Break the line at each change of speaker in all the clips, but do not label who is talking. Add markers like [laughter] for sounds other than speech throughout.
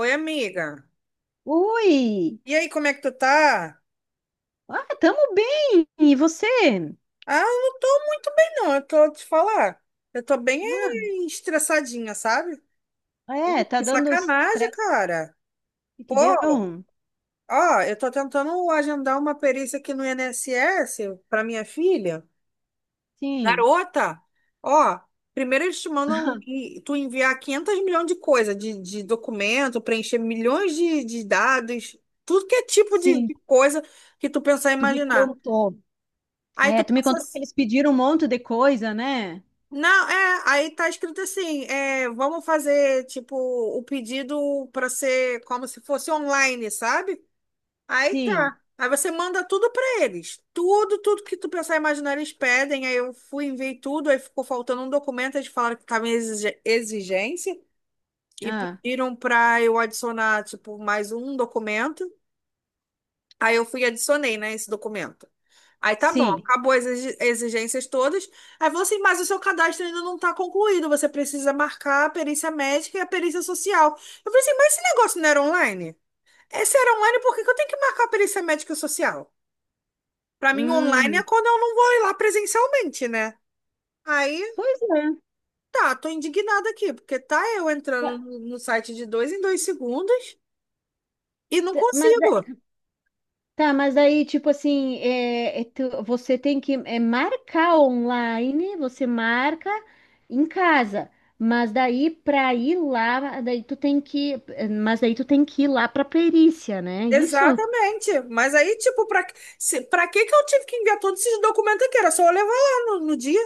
Oi, amiga.
Oi!
E aí, como é que tu tá?
Ah, tamo bem! E você?
Ah, eu não tô muito bem, não. Eu tô te falar. Eu tô bem estressadinha, sabe?
Ah, é,
Ai,
tá
que
dando
sacanagem,
estresse
cara. Pô,
que deu?
ó, eu tô tentando agendar uma perícia aqui no INSS pra minha filha.
Sim,
Garota, ó, primeiro eles tu enviar 500 milhões de coisa, de documento, preencher milhões de dados, tudo que é tipo de,
sim,
de coisa que tu pensar e
tu me
imaginar.
contou.
Aí
É,
tu
tu me
pensa
contou que
assim.
eles pediram um monte de coisa, né?
Não, é, aí tá escrito assim, é, vamos fazer, tipo, o pedido para ser como se fosse online, sabe? Aí
Sim,
tá. Aí você manda tudo para eles. Tudo, tudo que tu pensar e imaginar, eles pedem. Aí eu fui, enviei tudo, aí ficou faltando um documento, eles falaram que tava em exigência e
ah,
pediram para eu adicionar, tipo, mais um documento. Aí eu fui e adicionei, né, esse documento. Aí tá bom,
sim.
acabou as exigências todas. Aí falou assim, mas o seu cadastro ainda não tá concluído, você precisa marcar a perícia médica e a perícia social. Eu falei assim, mas esse negócio não era online? Esse era online, por que que eu tenho que marcar a perícia médica e social? Pra mim, online
Hum,
é quando eu não vou ir lá presencialmente, né? Aí,
pois é.
tá, tô indignada aqui, porque tá eu entrando no site de dois em dois segundos e não
Mas
consigo.
Tá, mas aí, tipo assim, você tem que marcar online, você marca em casa, mas daí pra ir lá, daí tu tem que, mas daí tu tem que ir lá pra perícia, né? Isso?
Exatamente. Mas aí, tipo, pra, se, pra que que eu tive que enviar todos esses documentos aqui? Era só eu levar lá no dia.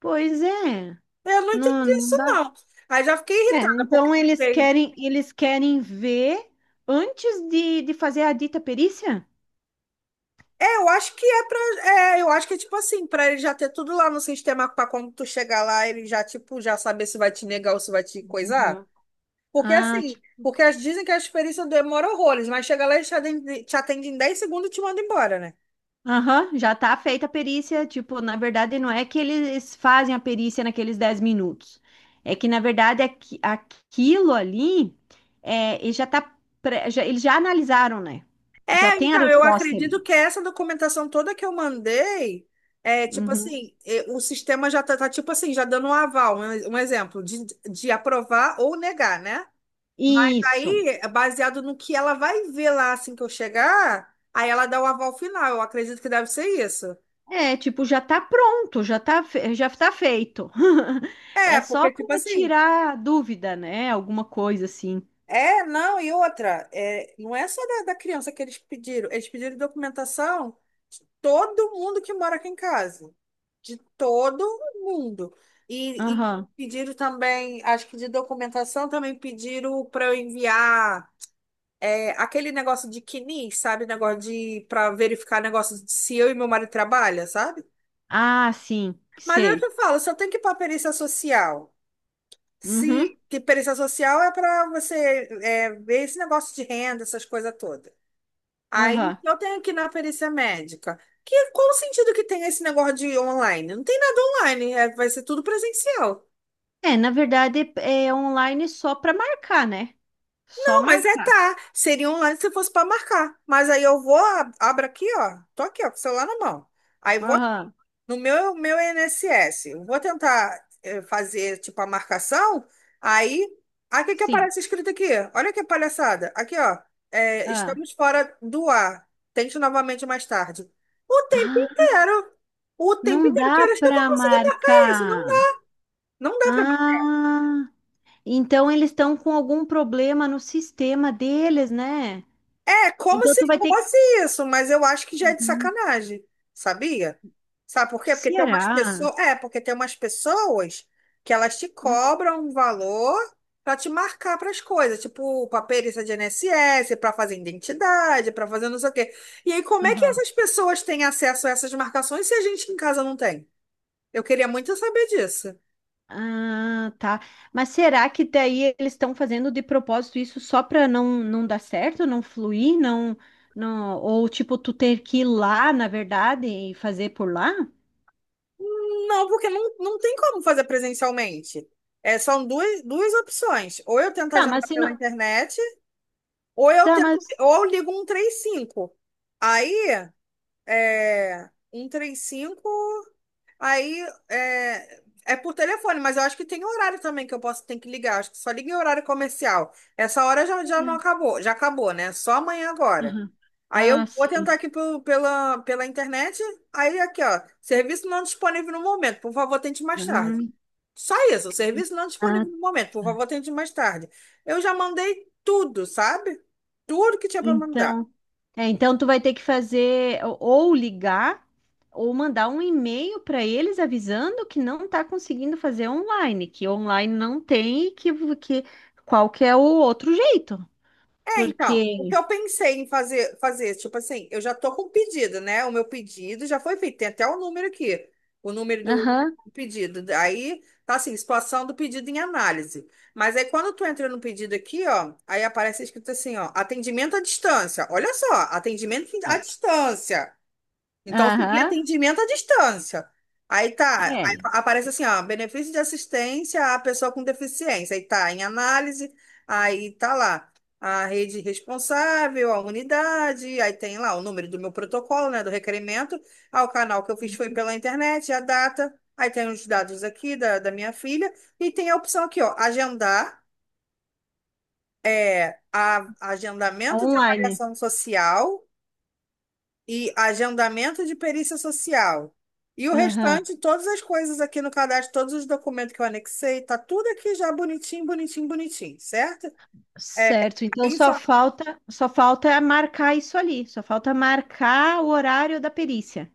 Pois é,
Eu não
não,
entendi isso,
não dá.
não. Aí já fiquei
É,
irritada, porque
então
fiquei.
eles querem ver antes de fazer a dita perícia?
É, eu acho que é pra. É, eu acho que é tipo assim, pra ele já ter tudo lá no sistema, pra quando tu chegar lá, ele já, tipo, já saber se vai te negar ou se vai te coisar.
Uhum.
Porque
Ah,
assim, porque as, dizem que a experiência demora horrores, mas chega lá e te atende em 10 segundos e te manda embora, né?
aham, já tá feita a perícia. Tipo, na verdade, não é que eles fazem a perícia naqueles 10 minutos. É que, na verdade, aquilo ali, é, ele já tá, eles já analisaram, né? Já tem a
Então, eu
resposta
acredito
ali.
que essa documentação toda que eu mandei, é tipo
Uhum.
assim, é, o sistema já tá, tá, tipo assim, já dando um aval, um exemplo, de aprovar ou negar, né? Mas
Isso.
aí, baseado no que ela vai ver lá assim que eu chegar, aí ela dá o aval final. Eu acredito que deve ser isso.
É, tipo, já tá pronto, já tá feito. [laughs] É
É,
só
porque, tipo
para
assim,
tirar dúvida, né? Alguma coisa assim.
é, não, e outra, é, não é só da criança que eles pediram documentação de todo mundo que mora aqui em casa, de todo mundo. E
Aham.
pediram também, acho que de documentação também pediram para eu enviar aquele negócio de CNIS, sabe? Negócio de para verificar negócio de se eu e meu marido trabalha, sabe?
Ah, sim,
Mas é o que
sei.
eu falo, só tem que ir para perícia social. Se
Uhum.
que perícia social é para você é, ver esse negócio de renda, essas coisas todas. Aí
Aham.
eu tenho que ir na perícia médica. Que, qual o sentido que tem esse negócio de online? Não tem nada online, é- vai ser tudo presencial.
É, na verdade é online só para marcar, né? Só
Não, mas é
marcar.
tá. Seria online se fosse para marcar. Mas aí eu vou, abro aqui, ó. Tô aqui, ó, com o celular na mão. Aí vou
Aham,
no meu INSS, eu vou tentar fazer tipo a marcação, aí, aqui que
sim.
aparece escrito aqui, olha que palhaçada, aqui ó, é,
Ah.
estamos fora do ar, tente novamente mais tarde. O tempo
Ah,
inteiro, o tempo
não
inteiro, que
dá
horas que eu vou
para
conseguir marcar isso? Não
marcar.
dá, não dá.
Ah, então eles estão com algum problema no sistema deles, né?
É como
Então
se
tu vai ter que.
fosse isso, mas eu acho que já é de
Uhum.
sacanagem, sabia? Sabe por quê? Porque tem
Será?
umas pessoas, é, porque tem umas pessoas que elas te
Hum,
cobram um valor para te marcar para as coisas, tipo para perícia de I N S S para fazer identidade, para fazer não sei o quê. E aí, como é que essas pessoas têm acesso a essas marcações se a gente em casa não tem? Eu queria muito saber disso.
Ah, tá. Mas será que daí eles estão fazendo de propósito isso só para não, não dar certo, não fluir, não, não, ou tipo tu ter que ir lá, na verdade, e fazer por lá?
Não, porque não, não tem como fazer presencialmente. É, são duas, duas opções. Ou eu tento
Tá, mas
agendar
se
pela
não,
internet, ou eu
tá,
tento,
mas
ou eu ligo 135. Aí, é, 135, aí é, é por telefone, mas eu acho que tem horário também que eu posso ter que ligar. Acho que só liga em horário comercial. Essa hora já, já não
Uhum.
acabou, já acabou, né? Só amanhã agora. Aí eu
Ah,
vou tentar
sim.
aqui pela, pela internet. Aí aqui, ó, serviço não disponível no momento. Por favor, tente mais tarde.
Ah,
Só isso, o serviço não
ah,
disponível no momento, por
tá.
favor, tente mais tarde. Eu já mandei tudo, sabe? Tudo que tinha para mandar.
Então É, então tu vai ter que fazer ou ligar ou mandar um e-mail para eles avisando que não está conseguindo fazer online, que online não tem que qual que é o outro jeito.
É, então, o que
Porque,
eu pensei em fazer, fazer, tipo assim, eu já tô com o pedido, né? O meu pedido já foi feito, tem até o número aqui, o número do
aham,
pedido. Aí, tá assim, situação do pedido em análise. Mas aí, quando tu entra no pedido aqui, ó, aí aparece escrito assim, ó, atendimento à distância. Olha só, atendimento à distância. Então seria
aham,
atendimento à distância. Aí tá, aí
é,
aparece assim, ó, benefício de assistência à pessoa com deficiência. Aí tá em análise, aí tá lá a rede responsável, a unidade, aí tem lá o número do meu protocolo, né, do requerimento. Ah, o canal que eu fiz foi pela internet, a data. Aí tem os dados aqui da minha filha e tem a opção aqui, ó, agendar, é, a, agendamento de
online.
avaliação social e agendamento de perícia social. E o
Aham.
restante, todas as coisas aqui no cadastro, todos os documentos que eu anexei, tá tudo aqui já bonitinho, bonitinho, bonitinho, certo? É,
Certo, então
aí só-
só falta marcar isso ali, só falta marcar o horário da perícia.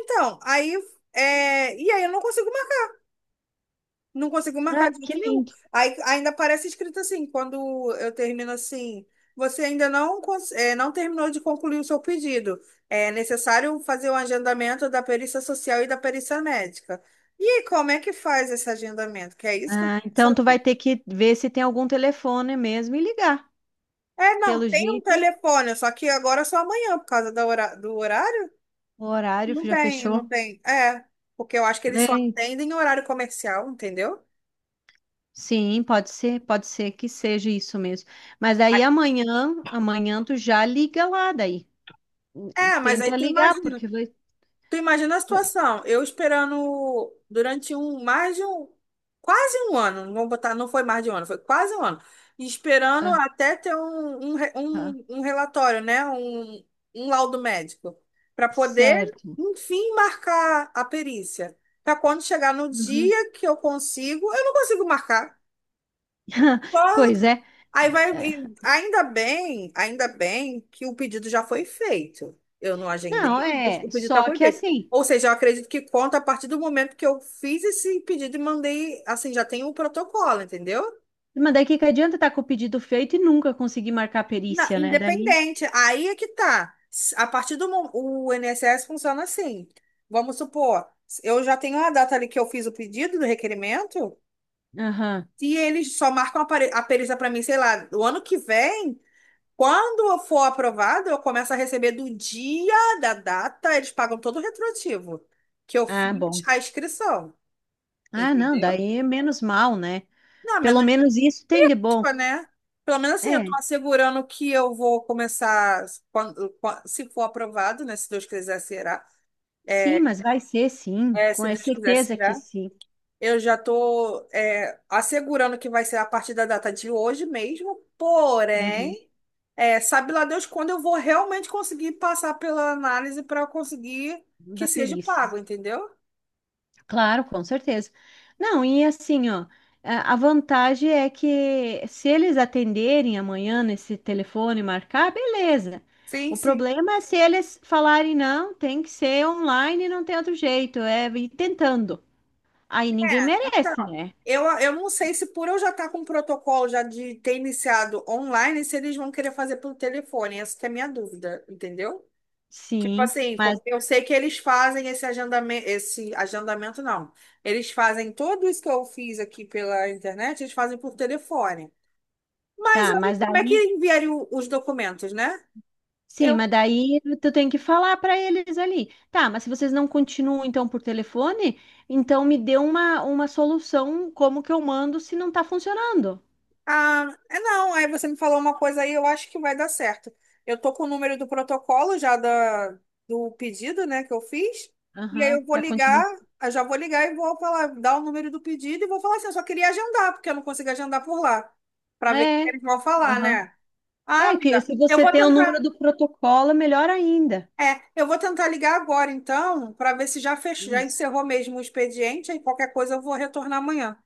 Então, aí, é, e aí eu não consigo. Não conseguiu
Ah,
marcar de
que
jeito nenhum.
lindo.
Aí ainda aparece escrito assim, quando eu termino assim, você ainda não, não terminou de concluir o seu pedido. É necessário fazer o agendamento da perícia social e da perícia médica. E aí, como é que faz esse agendamento? Que é isso que eu
Ah,
quero
então tu vai
saber.
ter que ver se tem algum telefone mesmo e ligar.
É, não,
Pelo
tem um
jeito,
telefone, só que agora é só amanhã, por causa do horário.
o horário
Não
já
tem, não
fechou.
tem. É, porque eu acho que eles só
É.
atendem em horário comercial, entendeu?
Pode ser que seja isso mesmo. Mas aí
Aí-
amanhã, amanhã tu já liga lá daí.
É, mas aí
Tenta
tu
ligar,
imagina.
porque
Tu imagina a
vai-
situação, eu esperando durante um, mais de um, quase um ano, não vou botar, não foi mais de um ano, foi quase um ano, esperando até ter um, um,
Aham,
um, um relatório, né, um laudo médico, para poder,
certo.
enfim, marcar a perícia. Para quando chegar no
Uhum.
dia que eu consigo, eu não consigo marcar.
[laughs] Pois
Claro.
é.
Aí vai,
É.
e ainda bem que o pedido já foi feito. Eu não
Não,
agendei, mas
é.
o pedido já
Só
foi
que
feito.
assim,
Ou seja, eu acredito que conta a partir do momento que eu fiz esse pedido e mandei, assim, já tem o protocolo, entendeu?
mas daí que adianta estar com o pedido feito e nunca conseguir marcar a perícia, né? Daí.
Independente. Aí é que tá. S- A partir do mo- O INSS funciona assim. Vamos supor, eu já tenho a data ali que eu fiz o pedido do requerimento,
Aham.
e eles só marcam a a perícia para mim, sei lá, o ano que vem. Quando for aprovado, eu começo a receber do dia da data, eles pagam todo o retroativo, que eu
Ah,
fiz
bom.
a inscrição,
Ah, não,
entendeu?
daí é menos mal, né?
Não,
Pelo
menos,
menos isso tem de bom.
tipo, né? Pelo menos assim, eu tô
É,
assegurando que eu vou começar, quando, se for aprovado, né? Se Deus quiser, será.
sim,
É,
mas vai ser sim, com
se
é
Deus quiser,
certeza que
será.
sim.
Eu já estou assegurando que vai ser a partir da data de hoje mesmo,
Uhum,
porém, é, sabe lá Deus quando eu vou realmente conseguir passar pela análise para conseguir que
da
seja
perícia.
pago, entendeu?
Claro, com certeza. Não, e assim, ó, a vantagem é que se eles atenderem amanhã nesse telefone e marcar, beleza.
Sim,
O
sim.
problema é se eles falarem não, tem que ser online, não tem outro jeito, é ir tentando. Aí ninguém
É,
merece,
então,
né?
eu não sei se por eu já estar com o protocolo já de ter iniciado online, se eles vão querer fazer pelo telefone. Essa que é a minha dúvida, entendeu? Tipo
Sim,
assim,
mas
porque eu sei que eles fazem esse agendamento não. Eles fazem tudo isso que eu fiz aqui pela internet, eles fazem por telefone. Mas
tá,
aí
mas
como é que
daí.
enviaria os documentos, né?
Sim,
Eu,
mas daí tu tem que falar para eles ali. Tá, mas se vocês não continuam então por telefone, então me dê uma solução como que eu mando se não tá funcionando.
ah, é não, aí você me falou uma coisa aí, eu acho que vai dar certo. Eu tô com o número do protocolo já da, do pedido, né, que eu fiz, e aí
Aham,
eu vou
da
ligar,
continuação.
eu já vou ligar e vou falar, dar o número do pedido e vou falar assim, eu só queria agendar, porque eu não consigo agendar por lá, para ver o que
É,
eles vão falar,
aham.
né? Ah,
É que
amiga,
se
eu
você
vou
tem o número
tentar.
do protocolo, melhor ainda.
É, eu vou tentar ligar agora, então, para ver se já fechou, já
Isso.
encerrou mesmo o expediente. Aí qualquer coisa eu vou retornar amanhã.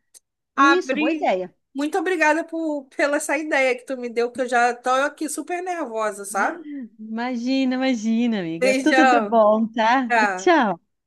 Isso, boa
Abri.
ideia.
Muito obrigada por, pela essa ideia que tu me deu, que eu já tô aqui super nervosa, sabe?
Imagina, imagina, amiga. Tudo de
Beijão.
bom, tá?
Tchau.
Tchau.